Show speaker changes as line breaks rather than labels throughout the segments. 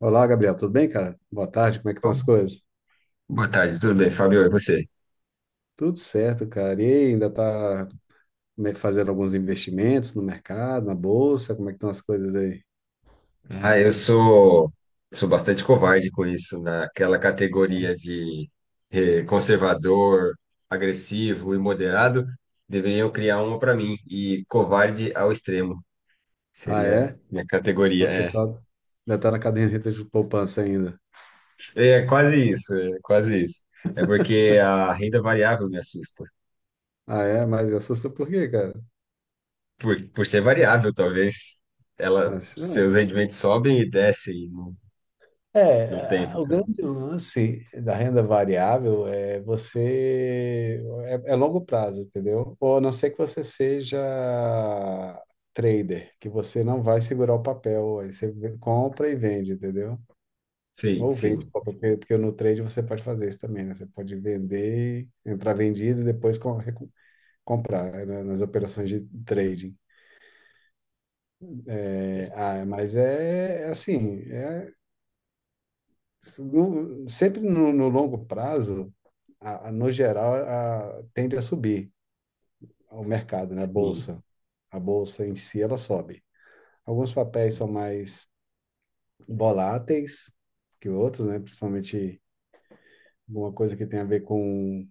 Olá, Gabriel, tudo bem, cara? Boa tarde, como é que estão as coisas?
Boa tarde, tudo bem, Fábio? E você?
Tudo certo, cara. E aí, ainda tá fazendo alguns investimentos no mercado, na bolsa, como é que estão as coisas aí?
Eu sou bastante covarde com isso, naquela
É.
categoria de conservador, agressivo e moderado. Deveria eu criar uma para mim, e covarde ao extremo
Ah,
seria
é?
minha categoria.
Nossa, você sabe? Ainda tá na caderneta de poupança ainda.
É quase isso, é quase isso. É porque a renda variável me assusta.
Ah, é? Mas assusta por quê, cara?
Por ser variável, talvez, ela,
Mas,
seus rendimentos sobem e descem no tempo.
é, o
Então,
grande lance da renda variável é você. É, é longo prazo, entendeu? Ou a não ser que você seja trader, que você não vai segurar o papel, aí você compra e vende, entendeu?
sim,
Ou vende,
sim.
porque no trade você pode fazer isso também, né? Você pode vender, entrar vendido e depois comprar, né? Nas operações de trading.
É.
É, mas é, é assim. Sempre no longo prazo. No geral, tende a subir o mercado, né? A
Sim,
bolsa. A bolsa em si, ela sobe. Alguns papéis
sim.
são mais voláteis que outros, né? Principalmente alguma coisa que tem a ver com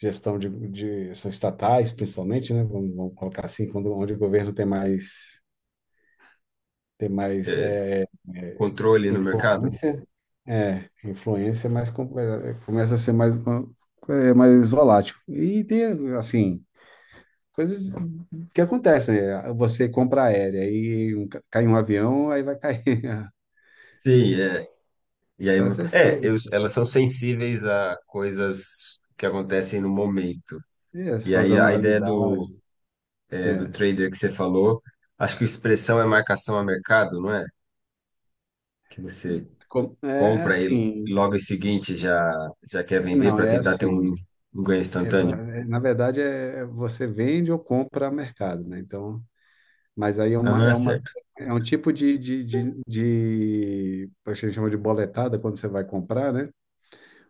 gestão de são estatais, principalmente, né? Vamos colocar assim, quando, onde o governo tem mais
É,
é,
controle no mercado?
influência. É, influência, mas começa a ser mais, mais volátil. E tem, assim, coisas. O que acontece, né? Você compra aérea e um, cai um avião, aí vai cair.
Sim, é. E aí,
Então, essas
eu-
coisas.
elas são sensíveis a coisas que acontecem no momento.
É,
E aí a ideia
sazonalidade.
do
É.
trader que você falou, acho que expressão é marcação a mercado, não é? Que você
É
compra e
assim.
logo em seguinte já quer vender
Não,
para
é
tentar ter
assim.
um ganho instantâneo.
Na verdade, você vende ou compra a mercado, né? Então, mas aí é uma, é
Ah,
uma,
certo.
é um tipo de a gente chama de boletada quando você vai comprar, né?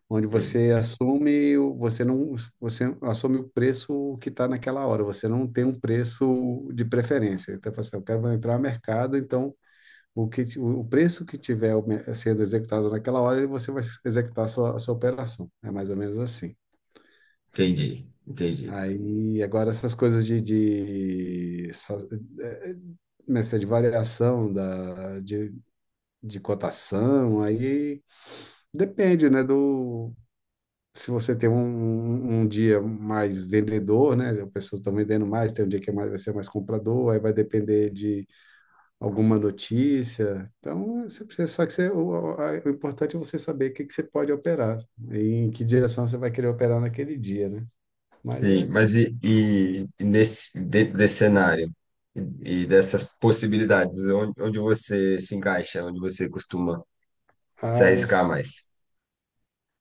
Onde
Hum,
você assume, o- você não, você assume o preço que está naquela hora, você não tem um preço de preferência. Então, você fala assim, eu quero entrar no mercado, então o preço que tiver sendo executado naquela hora, você vai executar a sua operação. É mais ou menos assim.
entendi, entendi.
Aí, agora essas coisas de, eh, né, essa de variação de cotação, aí depende, né, do, se você tem um, um dia mais vendedor, né? As pessoas estão vendendo mais, tem um dia que é mais, vai ser mais comprador, aí vai depender de alguma notícia. Então, você precisa, só que o importante é você saber o que, que você pode operar e em que direção você vai querer operar naquele dia, né? Mas
Sim,
é com...
mas e nesse, dentro desse cenário dessas possibilidades, onde, onde você se encaixa, onde você costuma se
Ah, eu,
arriscar mais?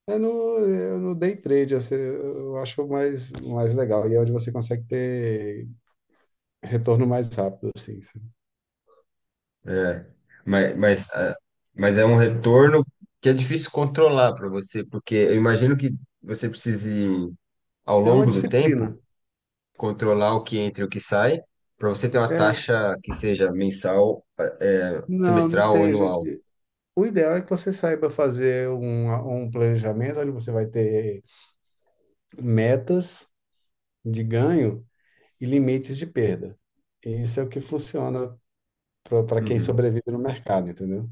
É no, é no day trade, eu acho mais legal. E é onde você consegue ter retorno mais rápido, assim, sabe?
É, mas, mas é um retorno que é difícil controlar para você, porque eu imagino que você precise, ao
É uma
longo do tempo,
disciplina.
controlar o que entra e o que sai, para você ter uma
É,
taxa que seja mensal,
não, não
semestral ou
tem,
anual.
gente. O ideal é que você saiba fazer um planejamento onde você vai ter metas de ganho e limites de perda. Isso é o que funciona para quem
Uhum.
sobrevive no mercado, entendeu?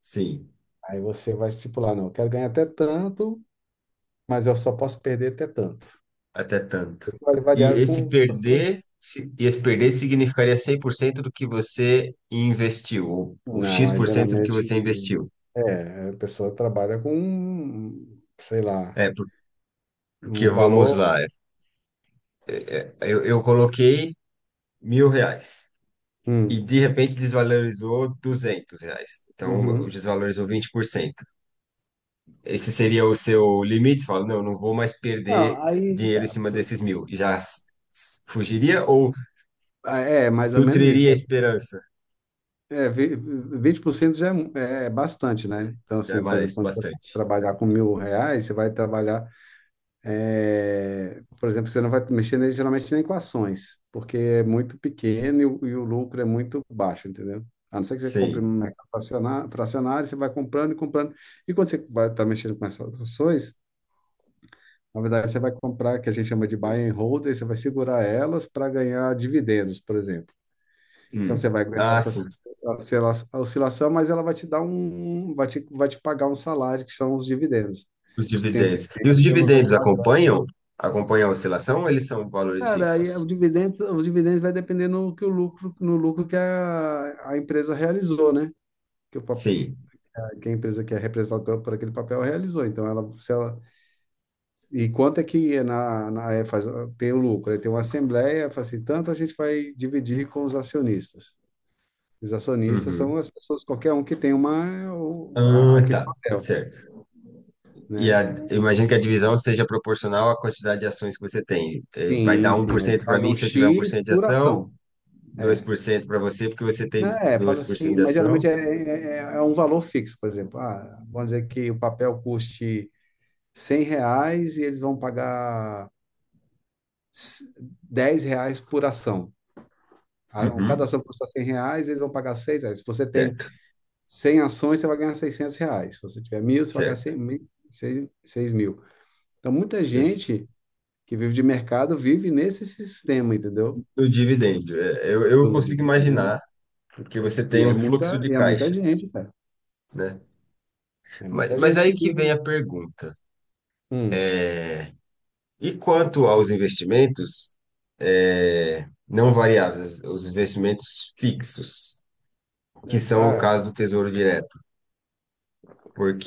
Sim.
Aí você vai estipular, não, eu quero ganhar até tanto, mas eu só posso perder até tanto.
Até tanto.
Isso vai
E
variar
esse
com você vai-
perder, e esse perder significaria 100% do que você investiu, ou
Não, aí
X% do que
geralmente
você investiu.
a pessoa trabalha com, sei lá,
É,
um
porque vamos
valor.
lá, é, eu coloquei mil reais e
Hum,
de repente desvalorizou 200 reais. Então, eu
uhum.
desvalorizou 20%. Esse seria o seu limite? Fala, não, não vou mais perder
Não, aí
dinheiro em
tá.
cima desses mil. E já fugiria ou
Ah, é, mais ou menos isso.
nutriria a esperança?
É, 20% já é, é bastante, né? Então,
Já é
assim, por exemplo,
mais,
quando você vai
bastante.
trabalhar com R$ 1.000, você vai trabalhar, por exemplo, você não vai mexer geralmente nem com ações, porque é muito pequeno e o lucro é muito baixo, entendeu? A não ser que você compre um
Sim.
mercado fracionário, você vai comprando e comprando. E quando você vai estar mexendo com essas ações, na verdade, você vai comprar, que a gente chama de buy and hold, e você vai segurar elas para ganhar dividendos, por exemplo. Então você
Hum.
vai aguentar
Ah,
essa
sim,
oscilação, mas ela vai te dar um, vai te pagar um salário, que são os dividendos.
os
De tempos em
dividendos. E os
tempos ela vai te
dividendos
pagar.
acompanham? Acompanham a oscilação ou eles são valores
Cara, aí os
fixos?
dividendos, os dividendos vai depender no que o lucro, no lucro que a empresa realizou, né? Que, o, pap-
Sim.
que a empresa que é representada por aquele papel realizou. Então ela, se ela, e quanto é que é na é, faz, tem o lucro? Aí tem uma assembleia, fala assim, tanto a gente vai dividir com os acionistas. Os acionistas
Uhum.
são as pessoas, qualquer um que tem uma,
Ah,
aquele
tá.
papel,
Certo. E
né?
a, eu imagino que a divisão seja proporcional à quantidade de ações que você tem. Vai dar
Sim,
um por
sim, eles
cento para mim
pagam
se eu tiver um por
X
cento de
por
ação,
ação.
dois
É.
por cento para você porque você tem
Né, fala
2%
assim,
de
mas geralmente
ação.
é um valor fixo, por exemplo. Ah, vamos dizer que o papel custe R$ 100 e eles vão pagar s- R$ 10 por ação. Cada
Uhum.
ação custa R$ 100, eles vão pagar seis reais. Se você tem
Certo,
100 ações, você vai ganhar R$ 600. Se você tiver mil, você vai ganhar
certo.
100 mil, seis 6, mil. Então, muita
Esse,
gente que vive de mercado vive nesse sistema, entendeu?
o dividendo, eu
De
consigo
venda.
imaginar porque você tem um fluxo de
E é muita
caixa,
gente, cara.
né?
É muita
Mas
gente
aí
que
que vem
vive.
a pergunta.
Hum.
E quanto aos investimentos, não variáveis, os investimentos fixos,
É,
que são o
ah,
caso do Tesouro Direto.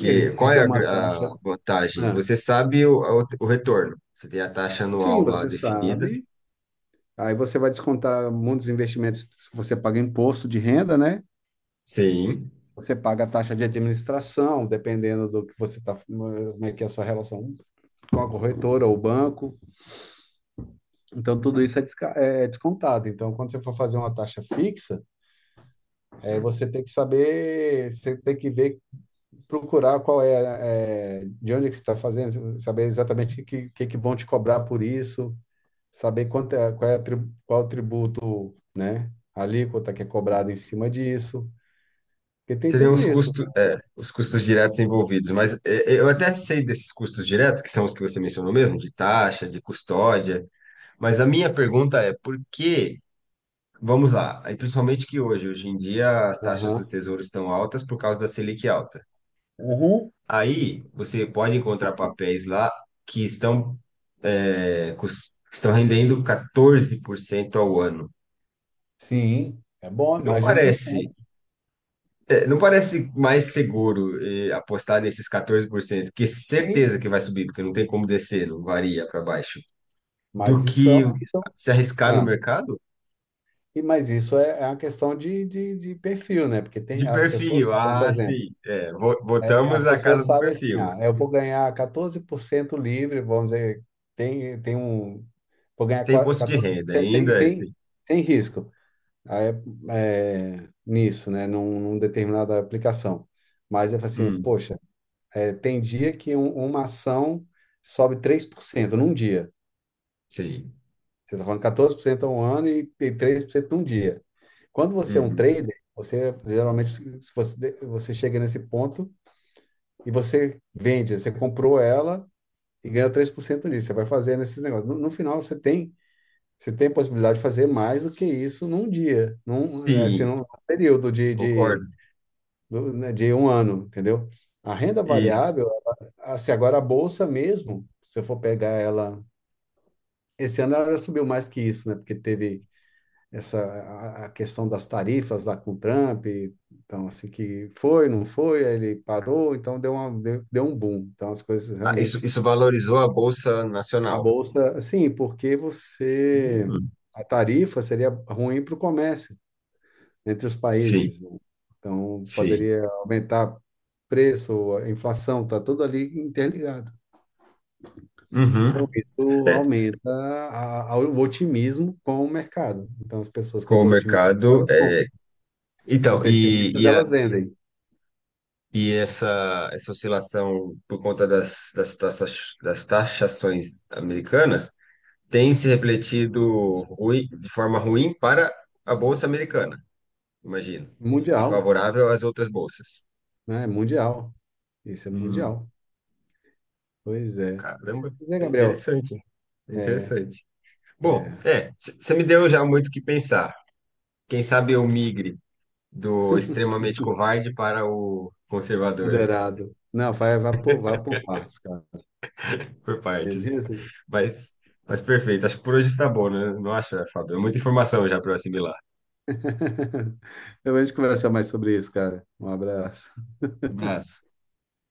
ele,
qual
ele
é
tem
a,
uma
a
taxa.
vantagem?
Ah,
Você sabe o retorno. Você tem a taxa anual
sim,
lá
você
definida,
sabe. Aí você vai descontar muitos investimentos. Você paga imposto de renda, né?
sim.
Você paga a taxa de administração, dependendo do que você está, como é que é a sua relação com a corretora ou banco. Então, tudo isso é descontado. Então, quando você for fazer uma taxa fixa, aí você tem que saber, você tem que ver, procurar qual é, é, de onde é que você está fazendo, saber exatamente o que, que vão te cobrar por isso, saber quanto é, qual é a qual é o tributo, né, a alíquota que é cobrada em cima disso, porque tem
Seriam
tudo
os
isso.
custos, os custos diretos envolvidos, mas é, eu até sei desses custos diretos, que são os que você mencionou mesmo, de taxa, de custódia, mas a minha pergunta é por que Vamos lá. Aí, principalmente que hoje, hoje em dia, as taxas do
Aham.
Tesouro estão altas por causa da Selic alta.
Uhum.
Aí, você pode encontrar papéis lá que estão, que estão rendendo 14% ao ano.
Sim, é bom, é
Não
mais de um por
parece,
cento
não parece mais seguro, apostar nesses 14%, que
Sim.
certeza que vai subir, porque não tem como descer, não varia para baixo, do
Mas isso é,
que
um, isso é um-
se arriscar no
ah,
mercado?
e mas isso é, é uma questão de perfil, né? Porque
De
tem, as pessoas
perfil,
sabem, por
ah,
exemplo,
sim, é,
é,
botamos
as
a
pessoas
casa do
sabem assim,
perfil.
eu vou ganhar 14% livre, vamos dizer, tem, tem um, vou ganhar
Tem bolsa de renda
14% sem,
ainda, é esse.
sem, sem risco aí, é, nisso, né, num determinada aplicação. Mas eu falo assim,
Hum,
poxa, tem dia que uma ação sobe 3% num dia.
sim.
Você está falando 14% a um ano e 3% num dia. Quando você é um
Uhum.
trader, você geralmente se se você, você chega nesse ponto e você vende, você comprou ela e ganha 3% nisso. Você vai fazer nesses negócios. No final, você tem a possibilidade de fazer mais do que isso num dia,
Sim,
num período de,
concordo.
de, né, de um ano, entendeu? A renda
Isso.
variável, assim, agora a bolsa mesmo, se eu for pegar ela, esse ano ela subiu mais que isso, né? Porque teve essa a questão das tarifas lá com o Trump, então assim que foi, não foi, aí ele parou, então deu uma, deu, deu um boom. Então as coisas
Ah, isso,
realmente.
isso valorizou a Bolsa
A
Nacional.
bolsa, sim, porque você.
Uhum.
A tarifa seria ruim para o comércio entre os
Sim,
países, né? Então,
sim.
poderia aumentar preço, a inflação, está tudo ali interligado. Então,
Uhum.
isso
É,
aumenta o otimismo com o mercado. Então, as pessoas,
com
quando
o
estão otimistas,
mercado.
elas compram.
É.
Então,
Então,
pessimistas, elas vendem.
e essa oscilação por conta das taxas, das taxações americanas tem se refletido ruim, de forma ruim para a Bolsa Americana, imagino, e
Mundial,
favorável às outras bolsas.
né? Mundial. Isso é
Hum.
mundial. Pois é.
Caramba,
Pois é,
é
Gabriel.
interessante. É
É,
interessante. Bom,
é.
é, você me deu já muito o que pensar. Quem sabe eu migre do extremamente covarde para o conservador,
Moderado. Não, vai por partes, cara.
por partes.
Beleza?
Mas, mas perfeito, acho que por hoje está bom, né? Não acha, Fábio? É muita informação já para eu assimilar.
Depois a gente conversa mais sobre isso, cara. Um abraço.
Um abraço.